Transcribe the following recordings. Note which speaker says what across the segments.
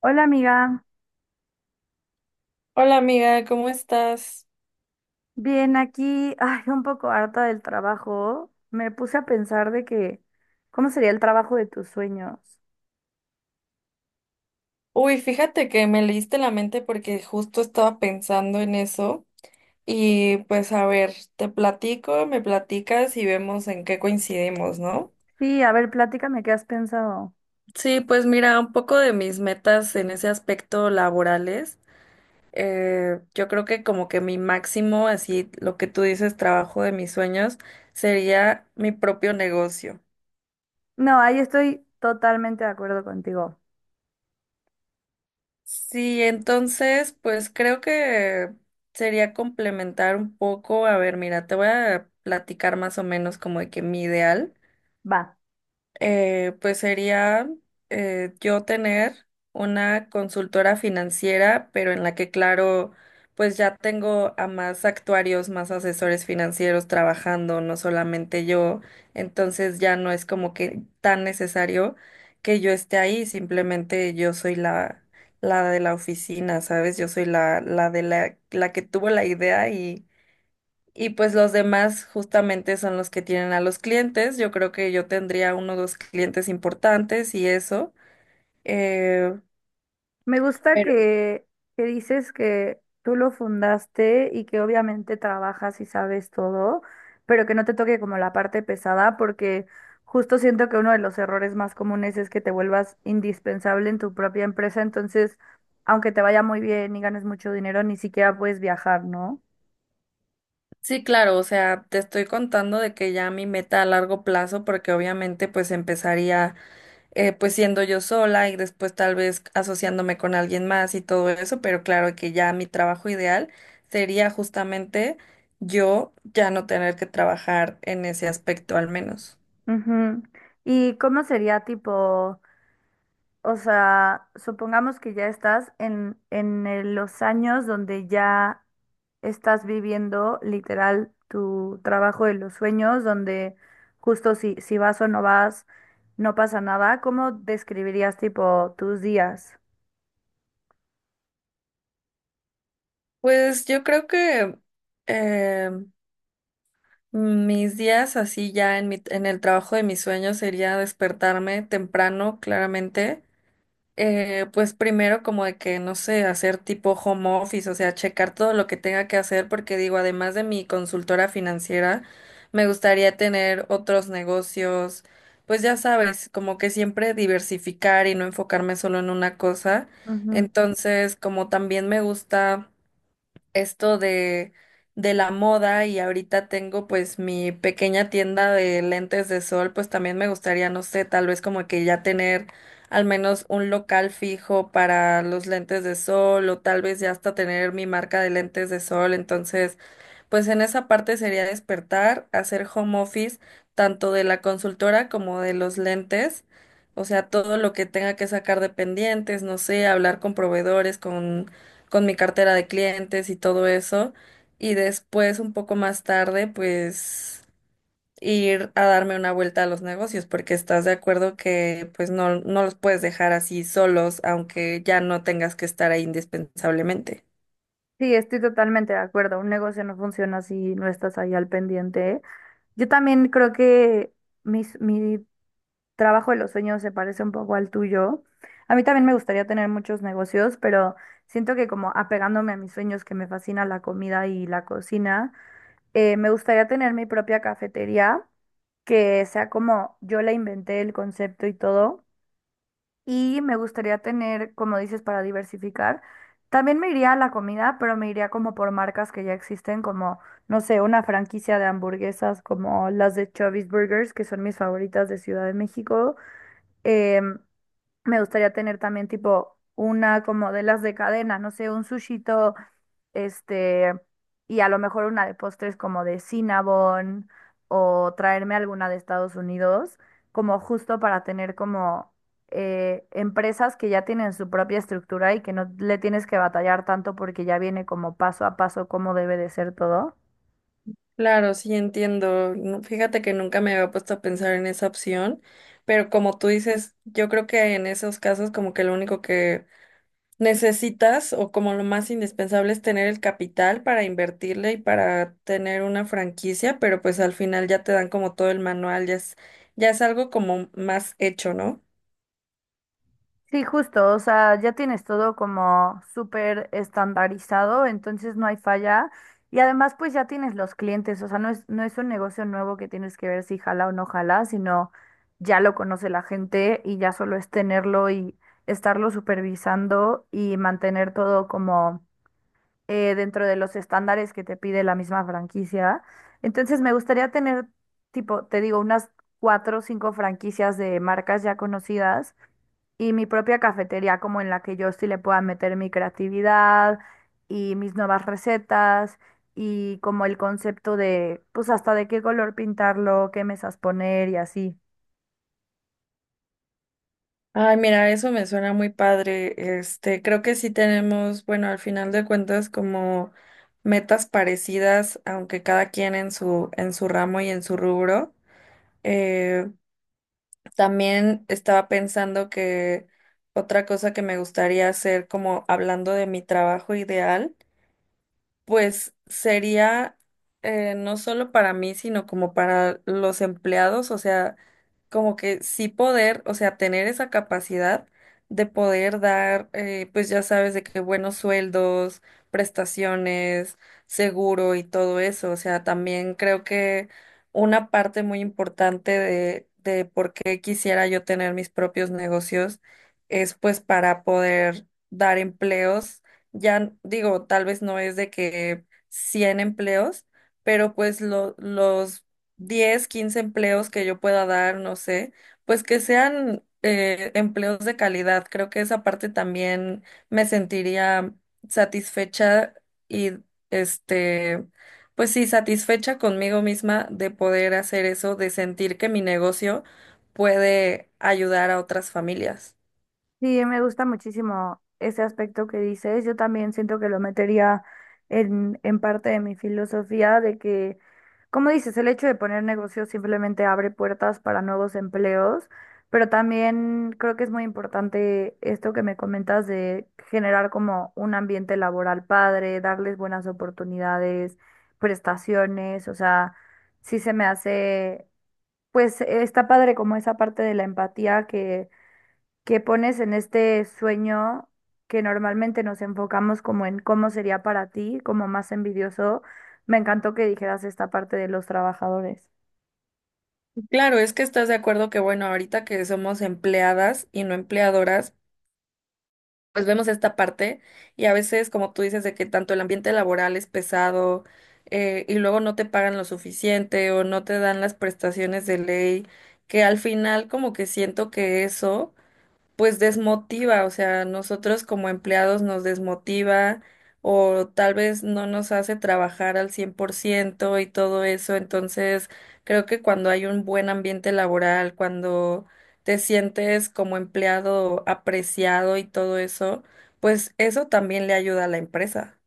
Speaker 1: Hola amiga,
Speaker 2: Hola amiga, ¿cómo estás?
Speaker 1: bien aquí, ay, un poco harta del trabajo. Me puse a pensar de que, ¿cómo sería el trabajo de tus sueños?
Speaker 2: Uy, fíjate que me leíste la mente porque justo estaba pensando en eso y pues a ver, te platico, me platicas y vemos en qué coincidimos, ¿no?
Speaker 1: Sí, a ver, platícame qué has pensado.
Speaker 2: Sí, pues mira, un poco de mis metas en ese aspecto laborales. Yo creo que como que mi máximo, así lo que tú dices, trabajo de mis sueños, sería mi propio negocio.
Speaker 1: No, ahí estoy totalmente de acuerdo contigo.
Speaker 2: Sí, entonces, pues creo que sería complementar un poco. A ver, mira, te voy a platicar más o menos como de que mi ideal,
Speaker 1: Va.
Speaker 2: pues sería, yo tener una consultora financiera, pero en la que, claro, pues ya tengo a más actuarios, más asesores financieros trabajando, no solamente yo. Entonces ya no es como que tan necesario que yo esté ahí, simplemente yo soy la de la oficina, ¿sabes? Yo soy la de la que tuvo la idea, y pues los demás justamente son los que tienen a los clientes. Yo creo que yo tendría uno o dos clientes importantes y eso. Eh,
Speaker 1: Me gusta
Speaker 2: pero
Speaker 1: que dices que tú lo fundaste y que obviamente trabajas y sabes todo, pero que no te toque como la parte pesada, porque justo siento que uno de los errores más comunes es que te vuelvas indispensable en tu propia empresa, entonces, aunque te vaya muy bien y ganes mucho dinero, ni siquiera puedes viajar, ¿no?
Speaker 2: sí, claro, o sea, te estoy contando de que ya mi meta a largo plazo, porque obviamente pues empezaría, pues siendo yo sola y después tal vez asociándome con alguien más y todo eso, pero claro que ya mi trabajo ideal sería justamente yo ya no tener que trabajar en ese aspecto al menos.
Speaker 1: Ujú. ¿Y cómo sería tipo? O sea, supongamos que ya estás en los años donde ya estás viviendo literal tu trabajo de los sueños, donde justo si vas o no vas, no pasa nada. ¿Cómo describirías tipo tus días?
Speaker 2: Pues yo creo que, eh, mis días así ya en el trabajo de mis sueños sería despertarme temprano, claramente. Pues primero como de que, no sé, hacer tipo home office, o sea, checar todo lo que tenga que hacer, porque digo, además de mi consultora financiera, me gustaría tener otros negocios, pues ya sabes, como que siempre diversificar y no enfocarme solo en una cosa.
Speaker 1: Ujú.
Speaker 2: Entonces, como también me gusta esto de la moda y ahorita tengo pues mi pequeña tienda de lentes de sol, pues también me gustaría, no sé, tal vez como que ya tener al menos un local fijo para los lentes de sol, o tal vez ya hasta tener mi marca de lentes de sol. Entonces, pues en esa parte sería despertar, hacer home office tanto de la consultora como de los lentes, o sea, todo lo que tenga que sacar de pendientes, no sé, hablar con proveedores, con mi cartera de clientes y todo eso, y después un poco más tarde, pues ir a darme una vuelta a los negocios, porque estás de acuerdo que pues no, no los puedes dejar así solos, aunque ya no tengas que estar ahí indispensablemente.
Speaker 1: Sí, estoy totalmente de acuerdo. Un negocio no funciona si no estás ahí al pendiente. Yo también creo que mi trabajo de los sueños se parece un poco al tuyo. A mí también me gustaría tener muchos negocios, pero siento que como apegándome a mis sueños que me fascina la comida y la cocina, me gustaría tener mi propia cafetería que sea como yo la inventé el concepto y todo. Y me gustaría tener, como dices, para diversificar. También me iría a la comida, pero me iría como por marcas que ya existen, como, no sé, una franquicia de hamburguesas como las de Chubby's Burgers, que son mis favoritas de Ciudad de México. eh, me gustaría tener también tipo una como de las de cadenas, no sé, un sushito, este, y a lo mejor una de postres como de Cinnabon o traerme alguna de Estados Unidos, como justo para tener como empresas que ya tienen su propia estructura y que no le tienes que batallar tanto porque ya viene como paso a paso cómo debe de ser todo.
Speaker 2: Claro, sí entiendo. No, fíjate que nunca me había puesto a pensar en esa opción, pero como tú dices, yo creo que en esos casos como que lo único que necesitas, o como lo más indispensable, es tener el capital para invertirle y para tener una franquicia, pero pues al final ya te dan como todo el manual, ya es algo como más hecho, ¿no?
Speaker 1: Sí, justo, o sea, ya tienes todo como súper estandarizado, entonces no hay falla. Y además, pues ya tienes los clientes, o sea, no es un negocio nuevo que tienes que ver si jala o no jala, sino ya lo conoce la gente y ya solo es tenerlo y estarlo supervisando y mantener todo como dentro de los estándares que te pide la misma franquicia. Entonces, me gustaría tener, tipo, te digo, unas cuatro o cinco franquicias de marcas ya conocidas y mi propia cafetería como en la que yo sí le pueda meter mi creatividad y mis nuevas recetas y como el concepto de pues hasta de qué color pintarlo, qué mesas poner y así.
Speaker 2: Ay, mira, eso me suena muy padre. Este, creo que sí tenemos, bueno, al final de cuentas, como metas parecidas, aunque cada quien en su ramo y en su rubro. Eh, También estaba pensando que otra cosa que me gustaría hacer, como hablando de mi trabajo ideal, pues sería, no solo para mí, sino como para los empleados, o sea, como que sí poder, o sea, tener esa capacidad de poder dar, pues ya sabes, de que buenos sueldos, prestaciones, seguro y todo eso. O sea, también creo que una parte muy importante de por qué quisiera yo tener mis propios negocios es pues para poder dar empleos. Ya digo, tal vez no es de que 100 empleos, pero pues los 10 15 empleos que yo pueda dar, no sé, pues que sean, empleos de calidad. Creo que esa parte también me sentiría satisfecha y este, pues sí, satisfecha conmigo misma de poder hacer eso, de sentir que mi negocio puede ayudar a otras familias.
Speaker 1: Sí, me gusta muchísimo ese aspecto que dices. Yo también siento que lo metería en parte de mi filosofía de que, como dices, el hecho de poner negocios simplemente abre puertas para nuevos empleos, pero también creo que es muy importante esto que me comentas de generar como un ambiente laboral padre, darles buenas oportunidades, prestaciones, o sea, sí se me hace, pues está padre como esa parte de la empatía que pones en este sueño que normalmente nos enfocamos como en cómo sería para ti, como más envidioso. Me encantó que dijeras esta parte de los trabajadores.
Speaker 2: Claro, es que estás de acuerdo que, bueno, ahorita que somos empleadas y no empleadoras, pues vemos esta parte. Y a veces, como tú dices, de que tanto el ambiente laboral es pesado, y luego no te pagan lo suficiente o no te dan las prestaciones de ley, que al final como que siento que eso pues desmotiva, o sea, nosotros como empleados nos desmotiva, o tal vez no nos hace trabajar al 100% y todo eso. Entonces, creo que cuando hay un buen ambiente laboral, cuando te sientes como empleado apreciado y todo eso, pues eso también le ayuda a la empresa.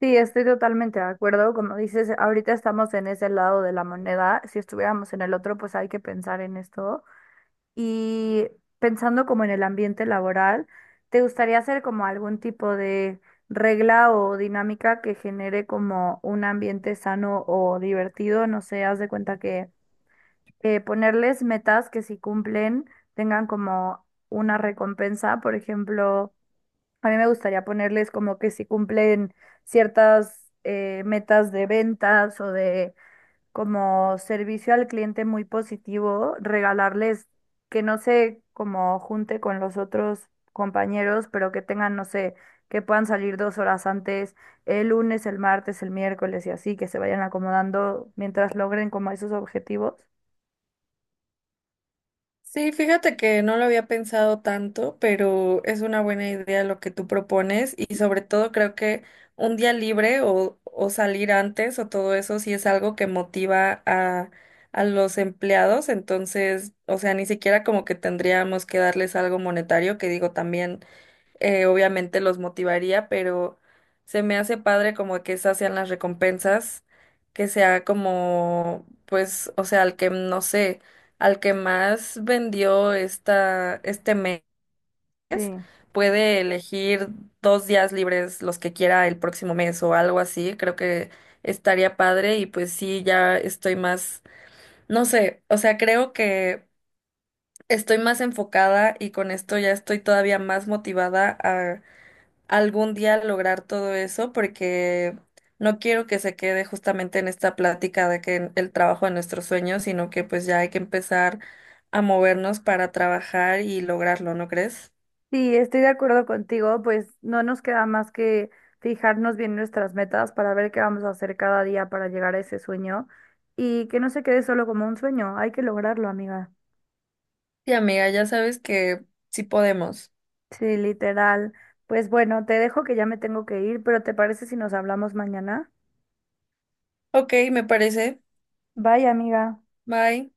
Speaker 1: Sí, estoy totalmente de acuerdo. Como dices, ahorita estamos en ese lado de la moneda. Si estuviéramos en el otro, pues hay que pensar en esto. Y pensando como en el ambiente laboral, ¿te gustaría hacer como algún tipo de regla o dinámica que genere como un ambiente sano o divertido? No sé, haz de cuenta que ponerles metas que si cumplen tengan como una recompensa. Por ejemplo, a mí me gustaría ponerles como que si cumplen ciertas metas de ventas o de como servicio al cliente muy positivo, regalarles que no se como junte con los otros compañeros, pero que tengan, no sé, que puedan salir 2 horas antes, el lunes, el martes, el miércoles y así, que se vayan acomodando mientras logren como esos objetivos.
Speaker 2: Sí, fíjate que no lo había pensado tanto, pero es una buena idea lo que tú propones, y sobre todo creo que un día libre, o, salir antes, o todo eso sí es algo que motiva a los empleados. Entonces, o sea, ni siquiera como que tendríamos que darles algo monetario, que digo también, obviamente los motivaría, pero se me hace padre como que esas sean las recompensas, que sea como, pues, o sea, al que, no sé, al que más vendió este mes,
Speaker 1: Sí.
Speaker 2: puede elegir 2 días libres los que quiera el próximo mes o algo así. Creo que estaría padre y pues sí, ya estoy más, no sé, o sea, creo que... Estoy más enfocada, y con esto ya estoy todavía más motivada algún día lograr todo eso, porque no quiero que se quede justamente en esta plática de que el trabajo de nuestros sueños, sino que pues ya hay que empezar a movernos para trabajar y lograrlo, ¿no crees?
Speaker 1: Sí, estoy de acuerdo contigo, pues no nos queda más que fijarnos bien nuestras metas para ver qué vamos a hacer cada día para llegar a ese sueño y que no se quede solo como un sueño, hay que lograrlo, amiga.
Speaker 2: Sí, amiga, ya sabes que sí podemos.
Speaker 1: Sí, literal. Pues bueno, te dejo que ya me tengo que ir, pero ¿te parece si nos hablamos mañana?
Speaker 2: Ok, me parece.
Speaker 1: Bye, amiga.
Speaker 2: Bye.